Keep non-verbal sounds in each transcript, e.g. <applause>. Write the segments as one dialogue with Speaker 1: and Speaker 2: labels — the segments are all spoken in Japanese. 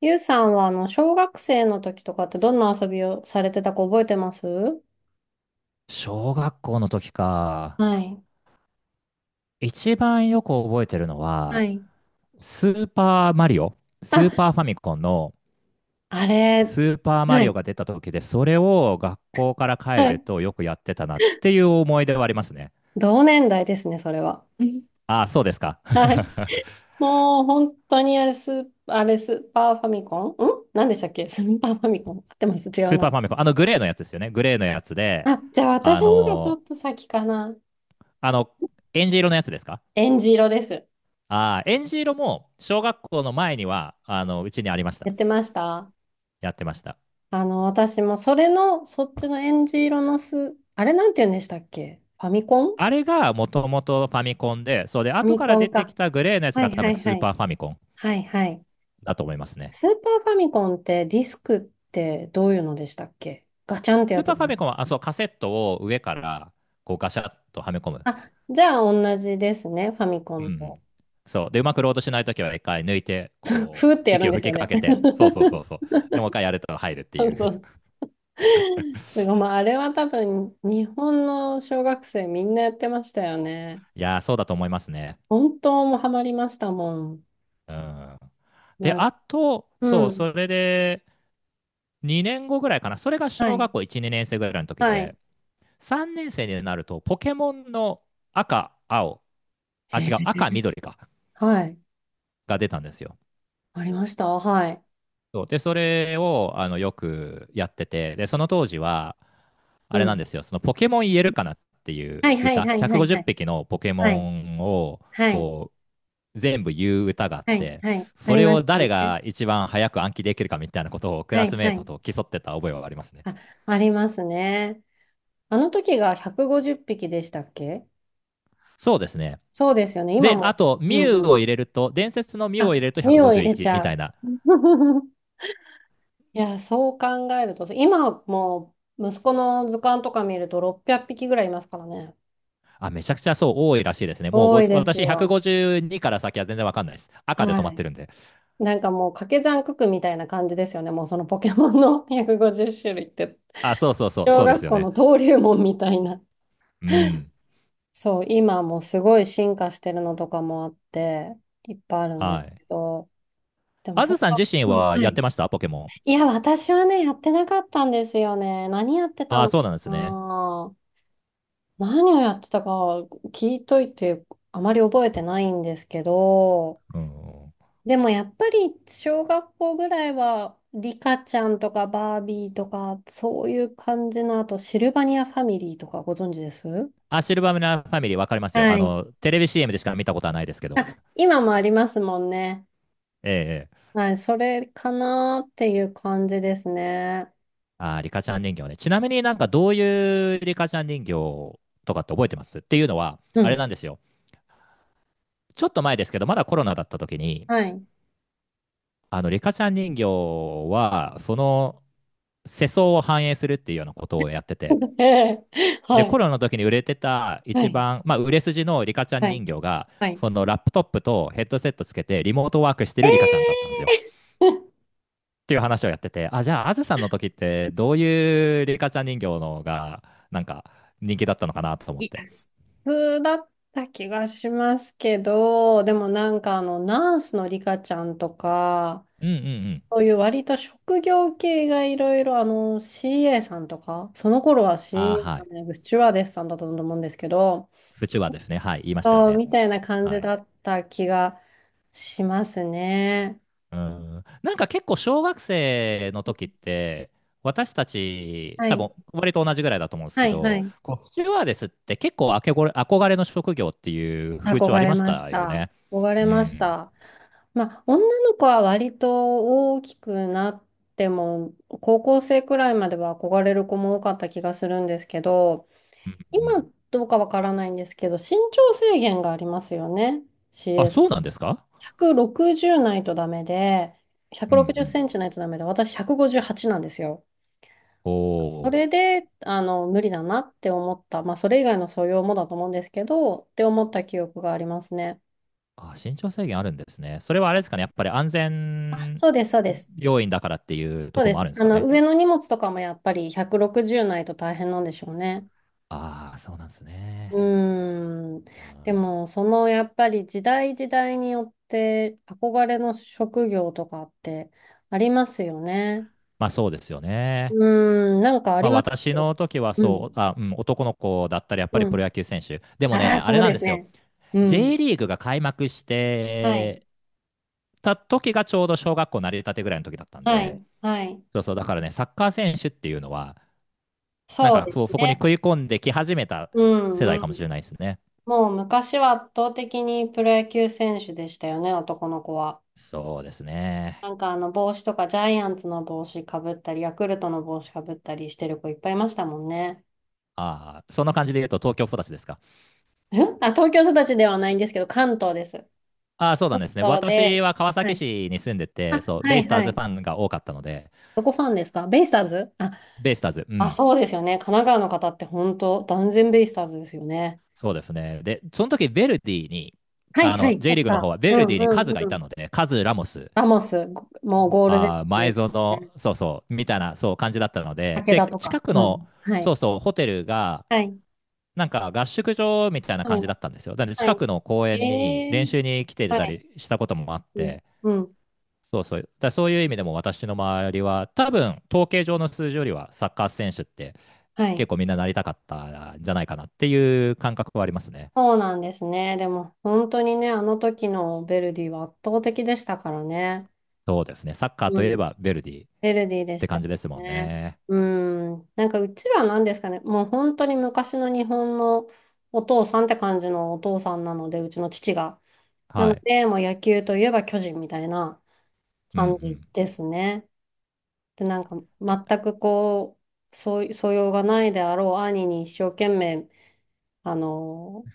Speaker 1: ゆうさんは、小学生の時とかってどんな遊びをされてたか覚えてます？
Speaker 2: 小学校の時か。
Speaker 1: はい。
Speaker 2: 一番よく覚えてるの
Speaker 1: は
Speaker 2: は、
Speaker 1: い。
Speaker 2: スーパーマリオ、スー
Speaker 1: あ、
Speaker 2: パーファミコンの
Speaker 1: あれ、
Speaker 2: スーパーマ
Speaker 1: は
Speaker 2: リオ
Speaker 1: い。
Speaker 2: が出た時で、それを学校から帰
Speaker 1: は
Speaker 2: る
Speaker 1: い。
Speaker 2: とよくやってたなっていう思い出はありますね。
Speaker 1: 同年代ですね、それは。<laughs>
Speaker 2: ああ、そうですか。
Speaker 1: はい。
Speaker 2: <laughs>
Speaker 1: もう、本当にあれ、スー、あれ、スーパーファミコン何でしたっけ？スーパーファミコン合ってます？違う
Speaker 2: スーパー
Speaker 1: な。
Speaker 2: ファミコン。あのグレーのやつですよね。グレーのやつで、
Speaker 1: あ、じゃあ私
Speaker 2: あ
Speaker 1: のがちょ
Speaker 2: の
Speaker 1: っと先かな。
Speaker 2: あの、エンジ色のやつですか？
Speaker 1: えんじ色です。
Speaker 2: ああー、エンジ色も小学校の前には、あの、うちにありまし
Speaker 1: や
Speaker 2: た。
Speaker 1: ってました。
Speaker 2: やってました。
Speaker 1: 私もそれの、そっちのえんじ色のあれなんて言うんでしたっけ？フ
Speaker 2: あれがもともとファミコンで、そうで、
Speaker 1: ァ
Speaker 2: 後
Speaker 1: ミ
Speaker 2: か
Speaker 1: コ
Speaker 2: ら出
Speaker 1: ン
Speaker 2: てき
Speaker 1: か。
Speaker 2: たグレーのやつ
Speaker 1: は
Speaker 2: が
Speaker 1: い
Speaker 2: 多
Speaker 1: は
Speaker 2: 分
Speaker 1: い
Speaker 2: ス
Speaker 1: は
Speaker 2: ー
Speaker 1: い。
Speaker 2: パーファミコン
Speaker 1: はいはい。
Speaker 2: だと思いますね。
Speaker 1: スーパーファミコンってディスクってどういうのでしたっけ？ガチャンって
Speaker 2: ス
Speaker 1: や
Speaker 2: ー
Speaker 1: つ
Speaker 2: パーフ
Speaker 1: だ
Speaker 2: ァ
Speaker 1: な。
Speaker 2: ミコンは、あ、そう、カセットを上からこうガシャッとはめ込む。
Speaker 1: あ、じゃあ同じですね、ファミコ
Speaker 2: うんう
Speaker 1: ン
Speaker 2: ん。
Speaker 1: と。
Speaker 2: そう。で、うまくロードしないときは一回抜いて、
Speaker 1: <laughs>
Speaker 2: こう、
Speaker 1: ふーってやる
Speaker 2: 息
Speaker 1: ん
Speaker 2: を
Speaker 1: です
Speaker 2: 吹
Speaker 1: よ
Speaker 2: きか
Speaker 1: ね。
Speaker 2: け
Speaker 1: <laughs>
Speaker 2: て、そうそうそうそう。で、もう一回やると入るって
Speaker 1: そ
Speaker 2: い
Speaker 1: う
Speaker 2: う。
Speaker 1: そ
Speaker 2: <laughs>
Speaker 1: う。すごい。まあ、あれは多分日本の小学生みんなやってましたよね。
Speaker 2: いやー、そうだと思いますね。
Speaker 1: 本当もうハマりましたもん。
Speaker 2: うん。で、
Speaker 1: なん
Speaker 2: あと、
Speaker 1: う
Speaker 2: そう、
Speaker 1: ん。
Speaker 2: それで2年後ぐらいかな。それが
Speaker 1: は
Speaker 2: 小
Speaker 1: い。
Speaker 2: 学校1、2年生ぐらいの時
Speaker 1: はい。
Speaker 2: で、3年生になると、ポケモンの赤、青、あ、
Speaker 1: へ
Speaker 2: 違う、
Speaker 1: え。
Speaker 2: 赤、緑か、
Speaker 1: はい。
Speaker 2: が出たんですよ。
Speaker 1: ありました。はい。
Speaker 2: そうで、それをあのよくやってて、で、その当時は、あ
Speaker 1: う
Speaker 2: れなん
Speaker 1: ん。
Speaker 2: ですよ、そのポケモン言えるかなっていう
Speaker 1: はいはい
Speaker 2: 歌、
Speaker 1: はいはい
Speaker 2: 150
Speaker 1: はい。
Speaker 2: 匹のポケモ
Speaker 1: はい。
Speaker 2: ンを
Speaker 1: はい
Speaker 2: こう全部言う歌があっ
Speaker 1: はい、
Speaker 2: て、
Speaker 1: はい。あ
Speaker 2: そ
Speaker 1: り
Speaker 2: れ
Speaker 1: ま
Speaker 2: を
Speaker 1: したね。
Speaker 2: 誰が一番早く暗記できるかみたいなことをク
Speaker 1: は
Speaker 2: ラス
Speaker 1: い、
Speaker 2: メ
Speaker 1: は
Speaker 2: ート
Speaker 1: い。
Speaker 2: と競ってた覚えはありますね。
Speaker 1: あ、ありますね。あの時が150匹でしたっけ？
Speaker 2: そうですね。
Speaker 1: そうですよね。今
Speaker 2: で、あ
Speaker 1: も。
Speaker 2: と、ミ
Speaker 1: うん
Speaker 2: ュウ
Speaker 1: う
Speaker 2: を
Speaker 1: ん。
Speaker 2: 入れると、伝説のミュウを入
Speaker 1: あ、
Speaker 2: れると
Speaker 1: 身を入れ
Speaker 2: 151
Speaker 1: ち
Speaker 2: み
Speaker 1: ゃ
Speaker 2: たい
Speaker 1: う。
Speaker 2: な。
Speaker 1: <laughs> いや、そう考えると、今もう息子の図鑑とか見ると600匹ぐらいいますからね。
Speaker 2: あ、めちゃくちゃそう多いらしいですね。もう
Speaker 1: 多いです
Speaker 2: 私
Speaker 1: よ。
Speaker 2: 152から先は全然わかんないです。赤で止
Speaker 1: は
Speaker 2: まって
Speaker 1: い。
Speaker 2: るんで。
Speaker 1: なんかもう掛け算九九みたいな感じですよね。もうそのポケモンの150種類って。
Speaker 2: あ、そうそうそう、
Speaker 1: 小
Speaker 2: そうです
Speaker 1: 学
Speaker 2: よ
Speaker 1: 校の
Speaker 2: ね。
Speaker 1: 登竜門みたいな。
Speaker 2: うん。
Speaker 1: そう、今もうすごい進化してるのとかもあって、いっぱいあるんで
Speaker 2: は
Speaker 1: す
Speaker 2: い。
Speaker 1: けど、でも
Speaker 2: あ
Speaker 1: そ
Speaker 2: ず
Speaker 1: れ
Speaker 2: さん
Speaker 1: は、
Speaker 2: 自身
Speaker 1: うん、
Speaker 2: は
Speaker 1: は
Speaker 2: やって
Speaker 1: い。
Speaker 2: ましたポケモン？
Speaker 1: いや、私はね、やってなかったんですよね。何やってた
Speaker 2: あ、
Speaker 1: の
Speaker 2: そう
Speaker 1: か
Speaker 2: なんですね。
Speaker 1: な。何をやってたか聞いといて、あまり覚えてないんですけど、
Speaker 2: うん。
Speaker 1: でもやっぱり小学校ぐらいは、リカちゃんとかバービーとか、そういう感じの、あとシルバニアファミリーとかご存知です？
Speaker 2: あ、シルバーミラーファミリーわかりますよ。あ
Speaker 1: はい。
Speaker 2: の、テレビ CM でしか見たことはないですけど。
Speaker 1: あ、今もありますもんね。
Speaker 2: ええええ。
Speaker 1: はい、それかなっていう感じですね。
Speaker 2: あ、リカちゃん人形ね。ちなみになんかどういうリカちゃん人形とかって覚えてますっていうのは、
Speaker 1: う
Speaker 2: あれ
Speaker 1: ん。
Speaker 2: なんですよ。ちょっと前ですけど、まだコロナだった時に、
Speaker 1: はい。
Speaker 2: あの、リカちゃん人形は、その世相を反映するっていうようなことをやってて、
Speaker 1: <laughs> ええ。は
Speaker 2: で、コ
Speaker 1: い。
Speaker 2: ロナの時に売れてた
Speaker 1: は
Speaker 2: 一
Speaker 1: い。
Speaker 2: 番、まあ、売れ筋のリカちゃん
Speaker 1: はい。
Speaker 2: 人形が、
Speaker 1: はい。
Speaker 2: そのラップトップとヘッドセットつけてリモートワークして
Speaker 1: え
Speaker 2: るリカちゃんだったんですよ。っ
Speaker 1: ー。
Speaker 2: ていう話をやってて、あ、じゃあ、あずさんの時ってどういうリカちゃん人形のが、なんか人気だったのかなと
Speaker 1: <laughs>
Speaker 2: 思
Speaker 1: い
Speaker 2: って。
Speaker 1: や、普通だった気がしますけど、でもなんかナースのリカちゃんとか、
Speaker 2: うんうんうん。
Speaker 1: そういう割と職業系がいろいろ、CA さんとか、その頃は
Speaker 2: あー
Speaker 1: CA
Speaker 2: は
Speaker 1: さ
Speaker 2: い。
Speaker 1: んじゃなく、スチュワーデスさんだったと思うんですけど、
Speaker 2: 不中はですね。はい。言いましたよ
Speaker 1: そう、
Speaker 2: ね。
Speaker 1: みたいな感
Speaker 2: は
Speaker 1: じ
Speaker 2: い。
Speaker 1: だった気がしますね。
Speaker 2: うん、なんか結構小学生の時って、私たち、
Speaker 1: は
Speaker 2: 多分
Speaker 1: い。
Speaker 2: 割と同じぐらいだと思うんです
Speaker 1: は
Speaker 2: け
Speaker 1: いは
Speaker 2: ど、
Speaker 1: い。
Speaker 2: こうスチュワーデスって結構あけごれ憧れの職業っていう風潮あ
Speaker 1: 憧
Speaker 2: り
Speaker 1: れ
Speaker 2: まし
Speaker 1: まし
Speaker 2: たよ
Speaker 1: た。
Speaker 2: ね。
Speaker 1: 憧
Speaker 2: う
Speaker 1: れまし
Speaker 2: ん。
Speaker 1: た。まあ、女の子は割と大きくなっても、高校生くらいまでは憧れる子も多かった気がするんですけど、
Speaker 2: う
Speaker 1: 今
Speaker 2: ん、
Speaker 1: どうかわからないんですけど、身長制限がありますよね。
Speaker 2: あ、
Speaker 1: CS。
Speaker 2: そうなんですか？
Speaker 1: 160ないとダメで、
Speaker 2: う
Speaker 1: 160
Speaker 2: んう
Speaker 1: セ
Speaker 2: ん。
Speaker 1: ンチないとダメで、私158なんですよ。
Speaker 2: お
Speaker 1: そ
Speaker 2: お。
Speaker 1: れで、無理だなって思った。まあ、それ以外の素養もだと思うんですけど、って思った記憶がありますね。
Speaker 2: あ、身長制限あるんですね。それはあれですかね、やっぱり安全
Speaker 1: そうです、そうです。
Speaker 2: 要因だからっていうと
Speaker 1: そう
Speaker 2: ころ
Speaker 1: で
Speaker 2: もあ
Speaker 1: す。
Speaker 2: るんですかね。
Speaker 1: 上の荷物とかもやっぱり160ないと大変なんでしょうね。
Speaker 2: ああ、そうなんです
Speaker 1: う
Speaker 2: ね。
Speaker 1: ーん。
Speaker 2: う
Speaker 1: で
Speaker 2: ん、
Speaker 1: も、そのやっぱり時代時代によって憧れの職業とかってありますよね。
Speaker 2: まあそうですよね。
Speaker 1: うーん、なんかあ
Speaker 2: ま
Speaker 1: り
Speaker 2: あ、
Speaker 1: ました
Speaker 2: 私
Speaker 1: か？
Speaker 2: の時は
Speaker 1: う
Speaker 2: そ
Speaker 1: ん。
Speaker 2: う、あ、うん、男の子だったらやっぱり
Speaker 1: う
Speaker 2: プロ
Speaker 1: ん。
Speaker 2: 野球選手。でも
Speaker 1: あ
Speaker 2: ね、
Speaker 1: あ、
Speaker 2: あ
Speaker 1: そ
Speaker 2: れ
Speaker 1: う
Speaker 2: なん
Speaker 1: で
Speaker 2: で
Speaker 1: す
Speaker 2: すよ。
Speaker 1: ね。うん。
Speaker 2: J リーグが開幕し
Speaker 1: はい。
Speaker 2: てた時がちょうど小学校なり立てぐらいの時だったん
Speaker 1: は
Speaker 2: で、
Speaker 1: い。はい。
Speaker 2: そうそう、だからね、サッカー選手っていうのは、なん
Speaker 1: そう
Speaker 2: か
Speaker 1: で
Speaker 2: そ
Speaker 1: す
Speaker 2: う、そこに
Speaker 1: ね。
Speaker 2: 食い込んでき始めた
Speaker 1: うん
Speaker 2: 世代
Speaker 1: う
Speaker 2: かも
Speaker 1: ん。
Speaker 2: しれないですね。
Speaker 1: もう昔は圧倒的にプロ野球選手でしたよね、男の子は。
Speaker 2: そうです
Speaker 1: な
Speaker 2: ね。
Speaker 1: んかあの帽子とかジャイアンツの帽子かぶったり、ヤクルトの帽子かぶったりしてる子いっぱいいましたもんね。
Speaker 2: ああ、そんな感じで言うと東京育ちですか？
Speaker 1: 東京育ちではないんですけど、関東です。
Speaker 2: ああ、そうなん
Speaker 1: 関
Speaker 2: ですね。
Speaker 1: 東
Speaker 2: 私
Speaker 1: で、
Speaker 2: は川
Speaker 1: は
Speaker 2: 崎
Speaker 1: い。
Speaker 2: 市に住んでて、
Speaker 1: あ、
Speaker 2: そう、
Speaker 1: は
Speaker 2: ベイ
Speaker 1: い
Speaker 2: スター
Speaker 1: は
Speaker 2: ズフ
Speaker 1: い。
Speaker 2: ァンが多かったので、
Speaker 1: どこファンですか？ベイスターズ？あ、
Speaker 2: ベイスターズ、う
Speaker 1: あ、
Speaker 2: ん、
Speaker 1: そうですよね。神奈川の方って本当、断然ベイスターズですよね。
Speaker 2: そうですね。で、その時ヴェルディに、
Speaker 1: はい
Speaker 2: あ
Speaker 1: は
Speaker 2: の
Speaker 1: い、そ
Speaker 2: J リ
Speaker 1: っ
Speaker 2: ーグの方
Speaker 1: か。
Speaker 2: はヴ
Speaker 1: う
Speaker 2: ェル
Speaker 1: ん
Speaker 2: ディに
Speaker 1: う
Speaker 2: カ
Speaker 1: ん
Speaker 2: ズがい
Speaker 1: う
Speaker 2: た
Speaker 1: ん。
Speaker 2: ので、カズ、ラモス、
Speaker 1: ラモス、もうゴールデ
Speaker 2: あー
Speaker 1: ンで
Speaker 2: 前
Speaker 1: す
Speaker 2: 園、
Speaker 1: ね。
Speaker 2: そうそう、みたいなそう感じだったので、
Speaker 1: 武田
Speaker 2: で、
Speaker 1: と
Speaker 2: 近
Speaker 1: か。
Speaker 2: く
Speaker 1: う
Speaker 2: の、
Speaker 1: ん。はい。
Speaker 2: そうそう、ホテルが、
Speaker 1: はい。
Speaker 2: なんか合宿場みたいな
Speaker 1: は
Speaker 2: 感
Speaker 1: い。
Speaker 2: じだったんですよ。だので
Speaker 1: は
Speaker 2: 近くの公
Speaker 1: い。
Speaker 2: 園に
Speaker 1: え
Speaker 2: 練
Speaker 1: ー。
Speaker 2: 習に来て
Speaker 1: は
Speaker 2: た
Speaker 1: い。
Speaker 2: りしたこともあっ
Speaker 1: うん。
Speaker 2: て、
Speaker 1: うん。
Speaker 2: そうそう、だからそういう意味でも私の周りは、多分統計上の数字よりはサッカー選手って
Speaker 1: はい。
Speaker 2: 結構みんななりたかったんじゃないかなっていう感覚はありますね。
Speaker 1: そうなんですね。でも本当にね、あの時のヴェルディは圧倒的でしたからね。
Speaker 2: そうですね、サッカー
Speaker 1: う
Speaker 2: とい
Speaker 1: ん。
Speaker 2: え
Speaker 1: ヴ
Speaker 2: ばヴェルディっ
Speaker 1: ェルディで
Speaker 2: て
Speaker 1: した
Speaker 2: 感
Speaker 1: よ
Speaker 2: じですもん
Speaker 1: ね。
Speaker 2: ね。
Speaker 1: うん。なんかうちらは何ですかね、もう本当に昔の日本のお父さんって感じのお父さんなので、うちの父が。な
Speaker 2: は
Speaker 1: の
Speaker 2: い。
Speaker 1: で、もう野球といえば巨人みたいな
Speaker 2: うんう
Speaker 1: 感じ
Speaker 2: ん。
Speaker 1: ですね。で、なんか全くそう素養がないであろう兄に一生懸命、あの、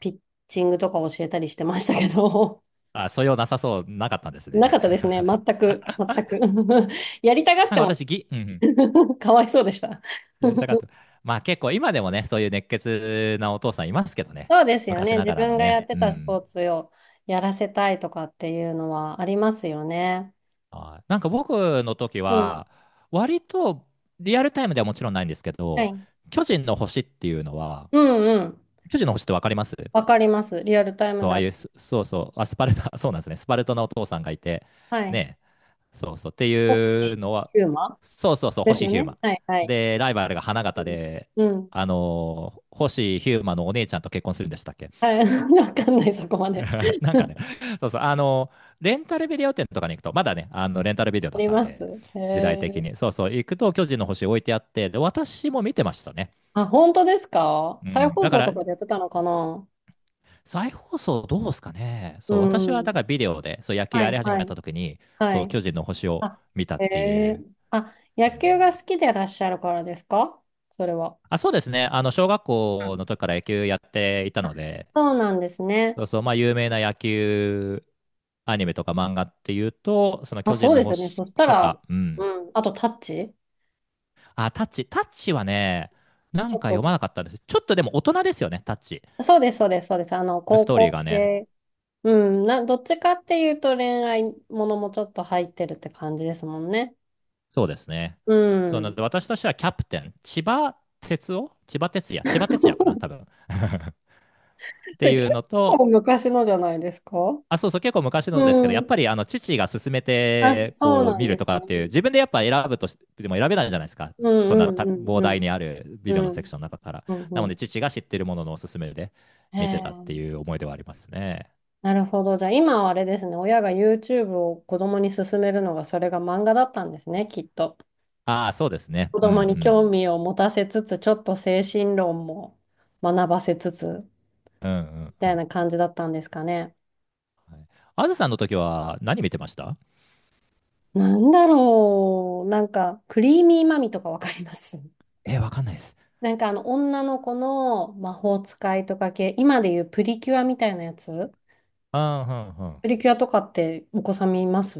Speaker 1: ピッチングとか教えたりしてましたけど。
Speaker 2: あ、素養なさそう、なかったんです
Speaker 1: な
Speaker 2: ね。
Speaker 1: かったですね。全
Speaker 2: <laughs>
Speaker 1: く、全く。<laughs> やりたがっ
Speaker 2: なん
Speaker 1: て
Speaker 2: か
Speaker 1: も
Speaker 2: 私、うんうん、
Speaker 1: <laughs> かわいそうでした。
Speaker 2: やりたかっ
Speaker 1: <laughs>
Speaker 2: た。まあ結構今でもね、そういう熱血なお父さんいますけどね。
Speaker 1: そうですよ
Speaker 2: 昔
Speaker 1: ね。
Speaker 2: な
Speaker 1: 自
Speaker 2: がらの
Speaker 1: 分がや
Speaker 2: ね。
Speaker 1: って
Speaker 2: う
Speaker 1: たスポ
Speaker 2: ん。
Speaker 1: ーツをやらせたいとかっていうのはありますよね。
Speaker 2: はい。なんか僕の時
Speaker 1: うん。
Speaker 2: は、割とリアルタイムではもちろんないんですけ
Speaker 1: は
Speaker 2: ど、
Speaker 1: い。
Speaker 2: 巨人の星っていうのは、
Speaker 1: うんうん。
Speaker 2: 巨人の星ってわかります？
Speaker 1: わかります。リアルタイム
Speaker 2: そう、ああ
Speaker 1: だ。
Speaker 2: いう、そうそう、あ、スパルタ、<laughs> そうなんですね。スパルトのお父さんがいて、
Speaker 1: はい。
Speaker 2: ね？そうそう。っていう
Speaker 1: 星
Speaker 2: のは、
Speaker 1: ヒューマ
Speaker 2: そうそうそう、
Speaker 1: です
Speaker 2: 星
Speaker 1: よ
Speaker 2: ヒュー
Speaker 1: ね。
Speaker 2: マ
Speaker 1: はいは
Speaker 2: ン。
Speaker 1: い。
Speaker 2: で、ライバルが花
Speaker 1: う
Speaker 2: 形
Speaker 1: ん。
Speaker 2: で、
Speaker 1: うん、
Speaker 2: あのー星ヒューマンのお姉ちゃんと結婚するんでしたっけ？
Speaker 1: はい。<laughs> わかんない、そこまで。
Speaker 2: <laughs> なんかね、そうそう、あのーレンタルビデオ店とかに行くと、まだね、あのレンタルビデオ
Speaker 1: あ
Speaker 2: だっ
Speaker 1: り
Speaker 2: たん
Speaker 1: ます。
Speaker 2: で、
Speaker 1: へ
Speaker 2: 時代的
Speaker 1: え。
Speaker 2: に。そうそう、行くと巨人の星置いてあって、で、私も見てましたね。
Speaker 1: あ、本当ですか？
Speaker 2: う
Speaker 1: 再
Speaker 2: ん、
Speaker 1: 放
Speaker 2: だか
Speaker 1: 送
Speaker 2: ら、
Speaker 1: とかでやってたのかな？
Speaker 2: 再放送どうですかね。
Speaker 1: う
Speaker 2: そう、私はだ
Speaker 1: ん。
Speaker 2: からビデオで、そう、野球
Speaker 1: は
Speaker 2: や
Speaker 1: い
Speaker 2: り始め
Speaker 1: はい。
Speaker 2: た時に、
Speaker 1: は
Speaker 2: そう、
Speaker 1: い。
Speaker 2: 巨人の星を
Speaker 1: あ、
Speaker 2: 見たっ
Speaker 1: へ
Speaker 2: てい
Speaker 1: え。
Speaker 2: う。
Speaker 1: あ、
Speaker 2: う
Speaker 1: 野
Speaker 2: ん。
Speaker 1: 球が好きでいらっしゃるからですか？それは。
Speaker 2: あ、そうですね。あの、小学
Speaker 1: う
Speaker 2: 校の
Speaker 1: ん。
Speaker 2: 時から野球やっていたので、
Speaker 1: そうなんですね。
Speaker 2: そうそう、まあ、有名な野球アニメとか漫画っていうと、その
Speaker 1: あ、
Speaker 2: 巨
Speaker 1: そ
Speaker 2: 人
Speaker 1: う
Speaker 2: の
Speaker 1: ですよね。
Speaker 2: 星
Speaker 1: そした
Speaker 2: と
Speaker 1: ら、
Speaker 2: か、う
Speaker 1: う
Speaker 2: ん。
Speaker 1: ん。あと、タッチ。
Speaker 2: あ、タッチ、タッチはね、な
Speaker 1: ち
Speaker 2: ん
Speaker 1: ょっ
Speaker 2: か
Speaker 1: と。
Speaker 2: 読まなかったんです。ちょっとでも大人ですよね、タッチ。
Speaker 1: そうです、そうです、そうです。
Speaker 2: ス
Speaker 1: 高
Speaker 2: トーリ
Speaker 1: 校
Speaker 2: ーがね。
Speaker 1: 生。うん。どっちかっていうと恋愛ものもちょっと入ってるって感じですもんね。
Speaker 2: そうですね。
Speaker 1: う
Speaker 2: そうなの
Speaker 1: ん。
Speaker 2: で、私としてはキャプテン、千葉哲也かな、多分
Speaker 1: <laughs>
Speaker 2: <laughs> っ
Speaker 1: そ
Speaker 2: て
Speaker 1: れ
Speaker 2: い
Speaker 1: 結
Speaker 2: うのと、
Speaker 1: 構昔のじゃないですか？
Speaker 2: あ、そうそう、結構昔のですけど、や
Speaker 1: う
Speaker 2: っ
Speaker 1: ん。
Speaker 2: ぱりあの父が勧め
Speaker 1: あ、
Speaker 2: て
Speaker 1: そう
Speaker 2: こう
Speaker 1: なん
Speaker 2: 見る
Speaker 1: です
Speaker 2: とかっていう、
Speaker 1: ね。
Speaker 2: 自分でやっぱ選ぶとしても選べないじゃないですか、
Speaker 1: う
Speaker 2: そん
Speaker 1: ん
Speaker 2: な
Speaker 1: うんうん
Speaker 2: 膨
Speaker 1: う
Speaker 2: 大
Speaker 1: ん。
Speaker 2: にあるビ
Speaker 1: う
Speaker 2: デオのセクシ
Speaker 1: ん
Speaker 2: ョンの中から。
Speaker 1: う
Speaker 2: な
Speaker 1: ん
Speaker 2: の
Speaker 1: う
Speaker 2: で、
Speaker 1: ん。
Speaker 2: 父が知ってるもののおすすめで
Speaker 1: へ
Speaker 2: 見てたって
Speaker 1: え。
Speaker 2: いう思い出はありますね。
Speaker 1: なるほど。じゃあ今はあれですね。親が YouTube を子供に勧めるのがそれが漫画だったんですね、きっと。
Speaker 2: ああ、そうですね。
Speaker 1: 子
Speaker 2: う
Speaker 1: 供に
Speaker 2: ん
Speaker 1: 興味を持たせつつ、ちょっと精神論も学ばせつつ、
Speaker 2: うん。う
Speaker 1: み
Speaker 2: んう
Speaker 1: た
Speaker 2: ん
Speaker 1: い
Speaker 2: うん。
Speaker 1: な感じだったんですかね。
Speaker 2: あずさんの時は何見てました？
Speaker 1: なんだろう。なんか、クリーミーマミとかわかります？ <laughs>
Speaker 2: えー、わかんないです。
Speaker 1: なんか女の子の魔法使いとか系、今でいうプリキュアみたいなやつ。
Speaker 2: うんうんうん。
Speaker 1: プリキュアとかってお子さん見ます？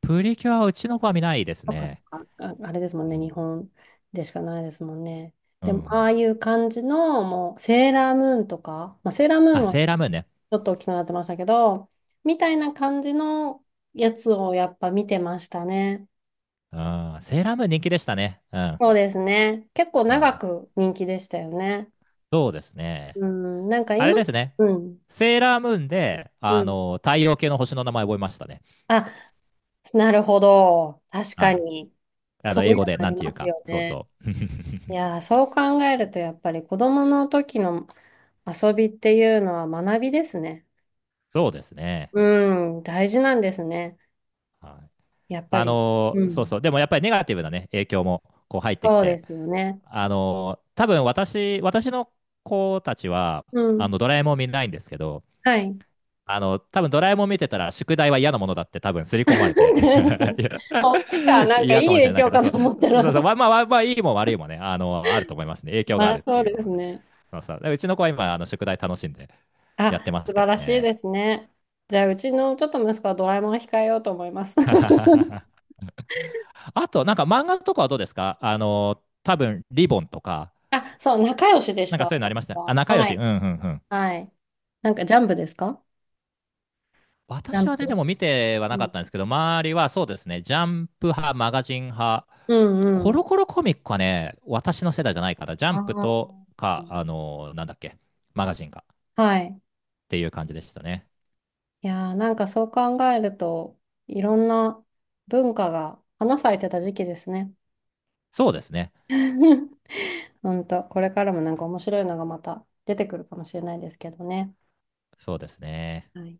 Speaker 2: プリキュアはうちの子は見ないです
Speaker 1: そっかそっ
Speaker 2: ね。
Speaker 1: か、あ、あれですもん
Speaker 2: う
Speaker 1: ね、日
Speaker 2: ん。
Speaker 1: 本でしかないですもんね。
Speaker 2: うん
Speaker 1: で
Speaker 2: う
Speaker 1: も、あ
Speaker 2: ん。
Speaker 1: あいう感じの、もう、セーラームーンとか、まあ、セーラームーン
Speaker 2: あ、
Speaker 1: はち
Speaker 2: セーラームーンね。
Speaker 1: ょっと大きくなってましたけど、みたいな感じのやつをやっぱ見てましたね。
Speaker 2: うん。セーラームーン人気でしたね。うん。
Speaker 1: そうですね。結構
Speaker 2: は
Speaker 1: 長
Speaker 2: い。
Speaker 1: く人気でしたよね。
Speaker 2: そうですね。
Speaker 1: うん、なんか
Speaker 2: あ
Speaker 1: 今、
Speaker 2: れですね。
Speaker 1: うん、
Speaker 2: セーラームーンで、あ
Speaker 1: うん。
Speaker 2: の、太陽系の星の名前覚えましたね。
Speaker 1: あ、なるほど。確
Speaker 2: は
Speaker 1: か
Speaker 2: い。
Speaker 1: に。
Speaker 2: あ
Speaker 1: そ
Speaker 2: の、
Speaker 1: う
Speaker 2: 英
Speaker 1: いう
Speaker 2: 語
Speaker 1: の
Speaker 2: で、
Speaker 1: あ
Speaker 2: なん
Speaker 1: り
Speaker 2: てい
Speaker 1: ま
Speaker 2: う
Speaker 1: す
Speaker 2: か。
Speaker 1: よ
Speaker 2: そう
Speaker 1: ね。
Speaker 2: そう。
Speaker 1: いやー、
Speaker 2: <laughs>
Speaker 1: そう考えると、やっぱり子供の時の遊びっていうのは学びですね。
Speaker 2: そうですね。
Speaker 1: うん、大事なんですね。
Speaker 2: はい。
Speaker 1: やっぱ
Speaker 2: あ
Speaker 1: り。
Speaker 2: の、
Speaker 1: う
Speaker 2: そう
Speaker 1: ん。
Speaker 2: そう。でもやっぱりネガティブなね、影響も、こう入ってき
Speaker 1: そうで
Speaker 2: て。
Speaker 1: すよね。
Speaker 2: あの、多分私の子たちは、
Speaker 1: う
Speaker 2: あの、
Speaker 1: ん。
Speaker 2: ドラえもん見ないんですけど、
Speaker 1: はい。
Speaker 2: あの、多分ドラえもん見てたら、宿題は嫌なものだって多分刷り込まれて <laughs> い
Speaker 1: <laughs>
Speaker 2: や
Speaker 1: そっちか、なんか
Speaker 2: 嫌
Speaker 1: いい
Speaker 2: かもしれ
Speaker 1: 影
Speaker 2: ない
Speaker 1: 響
Speaker 2: けど、
Speaker 1: か
Speaker 2: そう、
Speaker 1: と思った
Speaker 2: そうそう、
Speaker 1: ら
Speaker 2: まあまあ、まあ、いいも悪いもね、あの、あると思いますね。影
Speaker 1: <laughs>
Speaker 2: 響が
Speaker 1: ま
Speaker 2: あ
Speaker 1: あ
Speaker 2: るっ
Speaker 1: そ
Speaker 2: て
Speaker 1: う
Speaker 2: い
Speaker 1: で
Speaker 2: う
Speaker 1: す
Speaker 2: ので。
Speaker 1: ね。
Speaker 2: そうそう。でうちの子は今、あの、宿題楽しんでやっ
Speaker 1: あ、
Speaker 2: てま
Speaker 1: 素
Speaker 2: すけ
Speaker 1: 晴
Speaker 2: ど
Speaker 1: らしい
Speaker 2: ね。
Speaker 1: ですね。じゃあ、うちのちょっと息子はドラえもんを控えようと思います。
Speaker 2: <laughs>
Speaker 1: <laughs>
Speaker 2: あと、なんか漫画とかはどうですか？あの、多分、リボンとか、
Speaker 1: あ、そう、仲良しでし
Speaker 2: なん
Speaker 1: た。
Speaker 2: かそういうのあ
Speaker 1: 私
Speaker 2: りましたね。あ、
Speaker 1: は
Speaker 2: 仲良
Speaker 1: は
Speaker 2: し、う
Speaker 1: い。
Speaker 2: んうんうん。
Speaker 1: はい。なんかジャンプですか？ジャ
Speaker 2: 私
Speaker 1: ン
Speaker 2: はね、で
Speaker 1: プ。
Speaker 2: も見ては
Speaker 1: う
Speaker 2: なか
Speaker 1: ん
Speaker 2: ったんですけど、周りはそうですね、ジャンプ派、マガジン派、
Speaker 1: うん
Speaker 2: コ
Speaker 1: う
Speaker 2: ロ
Speaker 1: ん。
Speaker 2: コロコミックはね、私の世代じゃないから、ジャンプと
Speaker 1: あ
Speaker 2: か、あ
Speaker 1: ー
Speaker 2: のーなんだっけ、マガジンかっ
Speaker 1: はい。
Speaker 2: ていう感じでしたね。
Speaker 1: いやー、なんかそう考えると、いろんな文化が花咲いてた時期ですね。
Speaker 2: そうですね。
Speaker 1: <laughs> 本当これからもなんか面白いのがまた出てくるかもしれないですけどね。
Speaker 2: そうですね。
Speaker 1: はい。